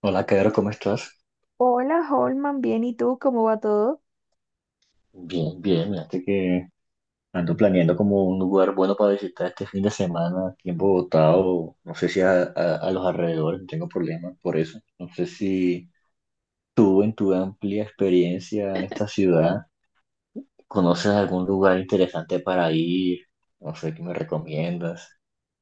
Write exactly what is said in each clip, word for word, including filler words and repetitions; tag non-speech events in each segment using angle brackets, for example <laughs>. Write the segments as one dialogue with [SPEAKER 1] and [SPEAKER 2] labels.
[SPEAKER 1] Hola, Pedro, ¿cómo estás?
[SPEAKER 2] Hola, Holman, bien, ¿y tú cómo va todo?
[SPEAKER 1] Bien, bien, fíjate que ando planeando como un lugar bueno para visitar este fin de semana aquí en Bogotá o no sé si a, a- a los alrededores, no tengo problema por eso. No sé si tú en tu amplia experiencia en esta ciudad conoces algún lugar interesante para ir, no sé qué me recomiendas.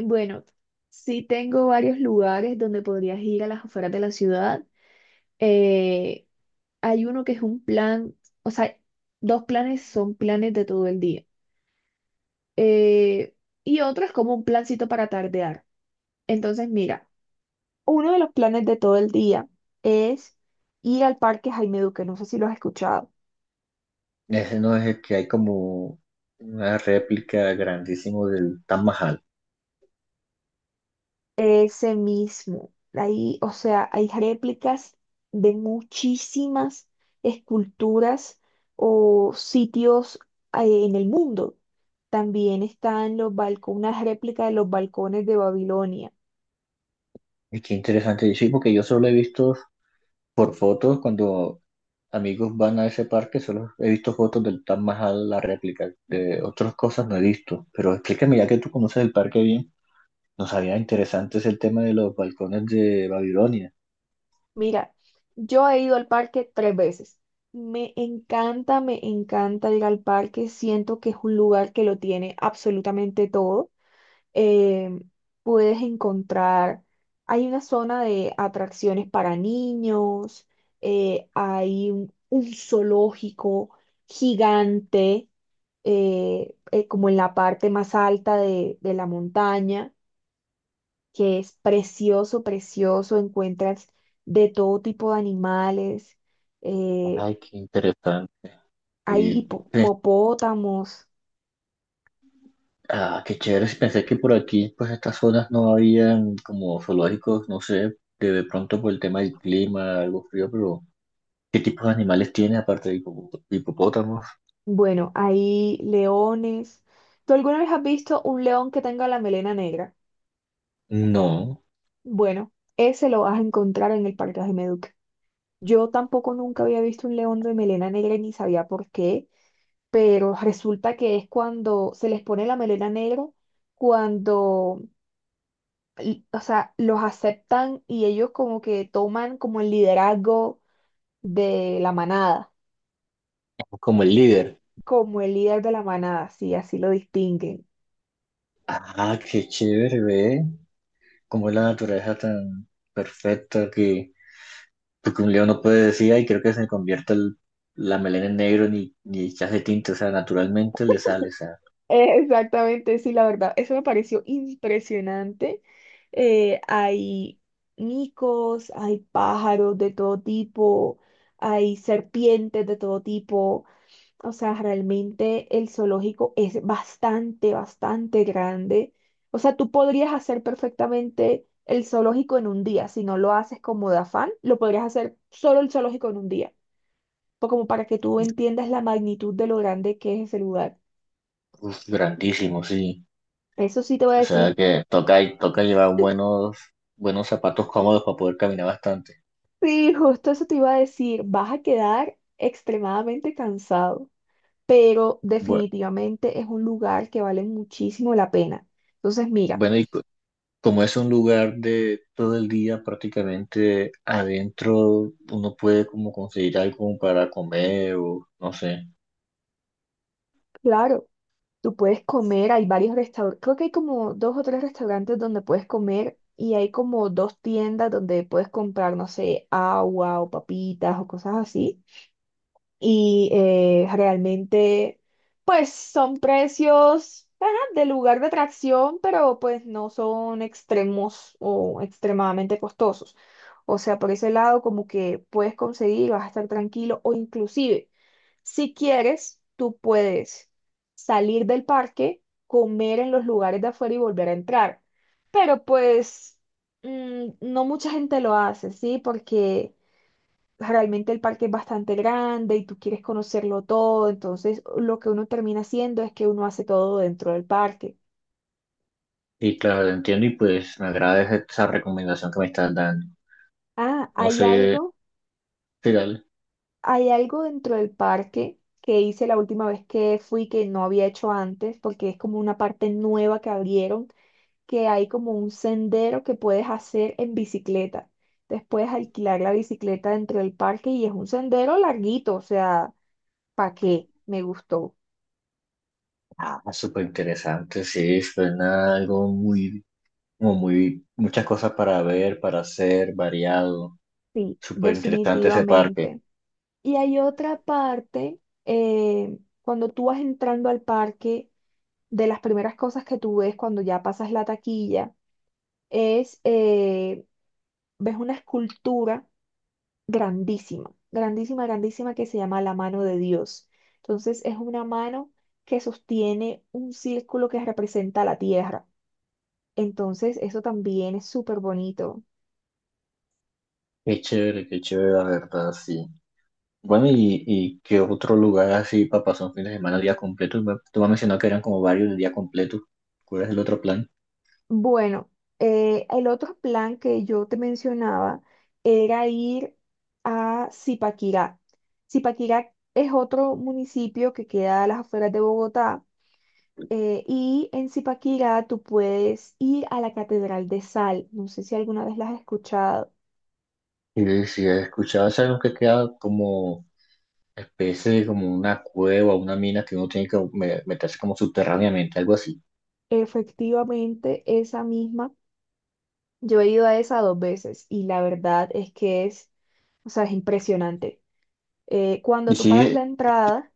[SPEAKER 2] Bueno, sí tengo varios lugares donde podrías ir a las afueras de la ciudad. Eh, Hay uno que es un plan, o sea, dos planes son planes de todo el día. Eh, y otro es como un plancito para tardear. Entonces, mira, uno de los planes de todo el día es ir al Parque Jaime Duque, no sé si lo has escuchado.
[SPEAKER 1] Ese no es el que hay como una réplica grandísimo del Taj Mahal.
[SPEAKER 2] Ese mismo. Ahí, o sea, hay réplicas de muchísimas esculturas o sitios, eh, en el mundo. También están los balcones, una réplica de los balcones de Babilonia.
[SPEAKER 1] Y qué interesante, sí, porque yo solo he visto por fotos cuando amigos van a ese parque, solo he visto fotos del Taj Mahal, la réplica, de otras cosas no he visto, pero explícame ya que tú conoces el parque bien, nos había interesante es el tema de los balcones de Babilonia.
[SPEAKER 2] Mira, yo he ido al parque tres veces. Me encanta, me encanta ir al parque. Siento que es un lugar que lo tiene absolutamente todo. eh, Puedes encontrar, hay una zona de atracciones para niños, eh, hay un, un zoológico gigante, eh, eh, como en la parte más alta de, de la montaña, que es precioso, precioso, encuentras de todo tipo de animales, eh,
[SPEAKER 1] Ay, qué interesante.
[SPEAKER 2] hay
[SPEAKER 1] Y,
[SPEAKER 2] hipo-
[SPEAKER 1] pues,
[SPEAKER 2] hipopótamos,
[SPEAKER 1] ah, qué chévere, si pensé que por aquí, pues estas zonas no habían como zoológicos, no sé, de, de pronto por el tema del clima, algo frío, pero ¿qué tipos de animales tiene aparte de hipo- hipopótamos?
[SPEAKER 2] bueno, hay leones. ¿Tú alguna vez has visto un león que tenga la melena negra?
[SPEAKER 1] No,
[SPEAKER 2] Bueno, ese lo vas a encontrar en el Parque Ajemeduc. Yo tampoco nunca había visto un león de melena negra y ni sabía por qué, pero resulta que es cuando se les pone la melena negra, cuando, l- o sea, los aceptan y ellos como que toman como el liderazgo de la manada,
[SPEAKER 1] como el líder.
[SPEAKER 2] como el líder de la manada, sí, así lo distinguen.
[SPEAKER 1] Ah, qué chévere, ve. Como es la naturaleza tan perfecta que, porque un león no puede decir, ay, creo que se me convierta el- la melena en negro, ni, ni se hace tinte, o sea, naturalmente le sale, o sea,
[SPEAKER 2] Eh, Exactamente, sí, la verdad, eso me pareció impresionante. Eh, hay micos, hay pájaros de todo tipo, hay serpientes de todo tipo. O sea, realmente el zoológico es bastante, bastante grande. O sea, tú podrías hacer perfectamente el zoológico en un día. Si no lo haces como de afán, lo podrías hacer solo el zoológico en un día. Pues como para que tú entiendas la magnitud de lo grande que es ese lugar.
[SPEAKER 1] uf, grandísimo, sí.
[SPEAKER 2] Eso sí te voy a
[SPEAKER 1] O sea,
[SPEAKER 2] decir.
[SPEAKER 1] que toca, y- toca llevar buenos, buenos zapatos cómodos para poder caminar bastante.
[SPEAKER 2] Sí, justo eso te iba a decir, vas a quedar extremadamente cansado, pero
[SPEAKER 1] Bue-
[SPEAKER 2] definitivamente es un lugar que vale muchísimo la pena. Entonces, mira,
[SPEAKER 1] Bueno, y co- como es un lugar de todo el día prácticamente adentro, uno puede como conseguir algo para comer o no sé.
[SPEAKER 2] claro, tú puedes comer, hay varios restaurantes, creo que hay como dos o tres restaurantes donde puedes comer y hay como dos tiendas donde puedes comprar, no sé, agua o papitas o cosas así. Y eh, realmente pues son precios ajá, de lugar de atracción, pero pues no son extremos o extremadamente costosos. O sea, por ese lado como que puedes conseguir, vas a estar tranquilo o inclusive si quieres, tú puedes salir del parque, comer en los lugares de afuera y volver a entrar. Pero pues mm, no mucha gente lo hace, ¿sí? Porque realmente el parque es bastante grande y tú quieres conocerlo todo, entonces lo que uno termina haciendo es que uno hace todo dentro del parque.
[SPEAKER 1] Y claro, lo entiendo y pues me agrada esa esa recomendación que me estás dando.
[SPEAKER 2] Ah,
[SPEAKER 1] No
[SPEAKER 2] hay
[SPEAKER 1] sé,
[SPEAKER 2] algo,
[SPEAKER 1] ¿qué tal?
[SPEAKER 2] hay algo dentro del parque que hice la última vez que fui que no había hecho antes, porque es como una parte nueva que abrieron, que hay como un sendero que puedes hacer en bicicleta. Después alquilar la bicicleta dentro del parque y es un sendero larguito, o sea, ¿para qué? Me gustó.
[SPEAKER 1] Ah, súper interesante, sí, suena algo muy, como muy, muchas cosas para ver, para hacer, variado.
[SPEAKER 2] Sí,
[SPEAKER 1] Súper interesante ese parque.
[SPEAKER 2] definitivamente. Y hay otra parte, eh, cuando tú vas entrando al parque, de las primeras cosas que tú ves cuando ya pasas la taquilla es, eh, ves una escultura grandísima, grandísima, grandísima que se llama la mano de Dios. Entonces es una mano que sostiene un círculo que representa la tierra. Entonces eso también es súper bonito.
[SPEAKER 1] Qué chévere, qué chévere, la verdad, sí. Bueno, ¿y, y qué otro lugar así para pasar un fin de semana, día completo? Me- Tú me has mencionado que eran como varios de día completo. ¿Cuál es el otro plan?
[SPEAKER 2] Bueno, eh, el otro plan que yo te mencionaba era ir a Zipaquirá. Zipaquirá es otro municipio que queda a las afueras de Bogotá, eh, y en Zipaquirá tú puedes ir a la Catedral de Sal. No sé si alguna vez la has escuchado.
[SPEAKER 1] Y si he escuchado, es algo que queda como especie de como una cueva, una mina que uno tiene que me- meterse como subterráneamente, algo así.
[SPEAKER 2] Efectivamente, esa misma. Yo he ido a esa dos veces y la verdad es que es, o sea, es impresionante. Eh, cuando
[SPEAKER 1] Y
[SPEAKER 2] tú pagas
[SPEAKER 1] sí,
[SPEAKER 2] la entrada,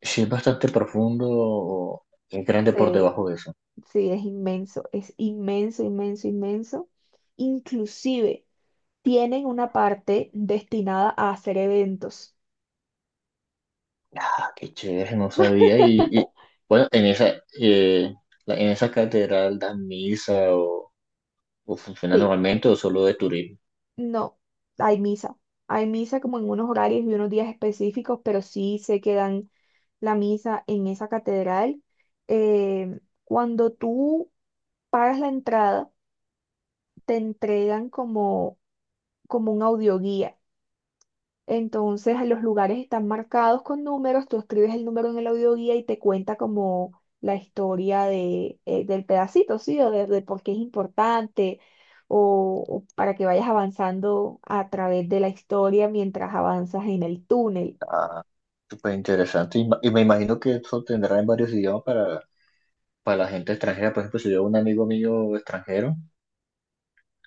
[SPEAKER 1] sí es bastante profundo, o es grande por
[SPEAKER 2] se
[SPEAKER 1] debajo de eso.
[SPEAKER 2] sí, es inmenso, es inmenso, inmenso, inmenso. Inclusive tienen una parte destinada a hacer eventos.
[SPEAKER 1] Ah, qué chévere, no sabía. Y, y,
[SPEAKER 2] <laughs>
[SPEAKER 1] bueno, en esa, eh, la- en esa catedral dan misa o, o funciona
[SPEAKER 2] Sí,
[SPEAKER 1] normalmente o solo de turismo.
[SPEAKER 2] no, hay misa. Hay misa como en unos horarios y unos días específicos, pero sí sé que dan la misa en esa catedral. Eh, cuando tú pagas la entrada, te entregan como, como un audioguía. Entonces, los lugares están marcados con números, tú escribes el número en el audioguía y te cuenta como la historia de, eh, del pedacito, ¿sí? O de, de por qué es importante, o, o para que vayas avanzando a través de la historia mientras avanzas en el túnel.
[SPEAKER 1] Ah, súper interesante. Y, ma- y me imagino que eso tendrá en varios idiomas para, para la gente extranjera. Por ejemplo, si yo a un amigo mío extranjero.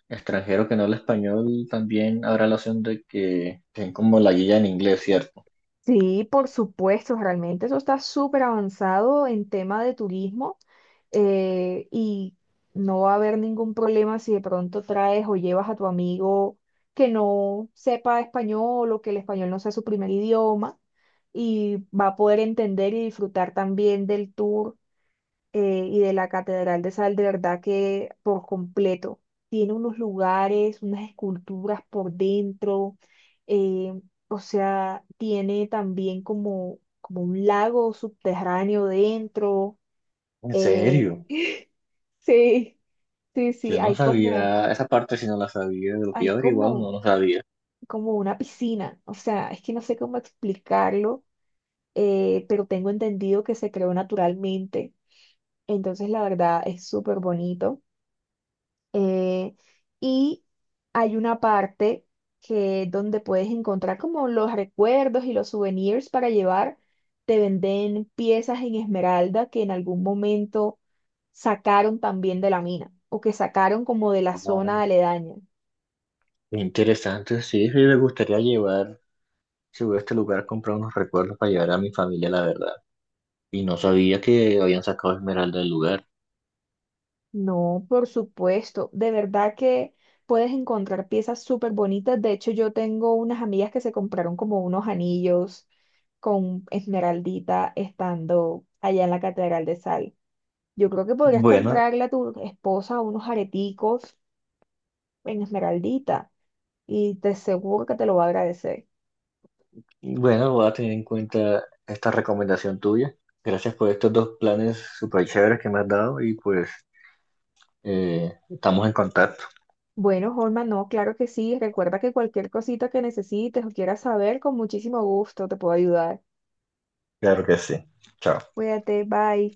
[SPEAKER 1] Extranjero que no habla español también habrá la opción de que den como la guía en inglés, ¿cierto?
[SPEAKER 2] Sí, por supuesto, realmente eso está súper avanzado en tema de turismo, eh, y no va a haber ningún problema si de pronto traes o llevas a tu amigo que no sepa español o que el español no sea su primer idioma y va a poder entender y disfrutar también del tour, eh, y de la Catedral de Sal, de verdad que por completo. Tiene unos lugares, unas esculturas por dentro, eh, o sea, tiene también como, como un lago subterráneo dentro.
[SPEAKER 1] ¿En
[SPEAKER 2] eh,
[SPEAKER 1] serio?
[SPEAKER 2] <laughs> sí, sí,
[SPEAKER 1] Yo
[SPEAKER 2] sí,
[SPEAKER 1] no
[SPEAKER 2] hay como,
[SPEAKER 1] sabía esa parte, si no la sabía, de lo que
[SPEAKER 2] hay
[SPEAKER 1] yo averiguado no
[SPEAKER 2] como,
[SPEAKER 1] lo sabía.
[SPEAKER 2] como una piscina, o sea, es que no sé cómo explicarlo, eh, pero tengo entendido que se creó naturalmente, entonces la verdad es súper bonito. Eh, y hay una parte que donde puedes encontrar como los recuerdos y los souvenirs para llevar. Te venden piezas en esmeralda que en algún momento sacaron también de la mina o que sacaron como de la
[SPEAKER 1] Ah,
[SPEAKER 2] zona aledaña.
[SPEAKER 1] qué interesante, sí, sí, me gustaría llevar, si voy a este lugar, comprar unos recuerdos para llevar a mi familia, la verdad. Y no sabía que habían sacado Esmeralda del lugar.
[SPEAKER 2] No, por supuesto, de verdad que puedes encontrar piezas súper bonitas. De hecho, yo tengo unas amigas que se compraron como unos anillos con esmeraldita estando allá en la Catedral de Sal. Yo creo que podrías
[SPEAKER 1] Bueno,
[SPEAKER 2] comprarle a tu esposa unos areticos en esmeraldita y te seguro que te lo va a agradecer.
[SPEAKER 1] bueno, voy a tener en cuenta esta recomendación tuya. Gracias por estos dos planes súper chéveres que me has dado y pues eh, estamos en contacto.
[SPEAKER 2] Bueno, Holman, no, claro que sí. Recuerda que cualquier cosita que necesites o quieras saber, con muchísimo gusto te puedo ayudar.
[SPEAKER 1] Claro que sí. Chao.
[SPEAKER 2] Cuídate, bye.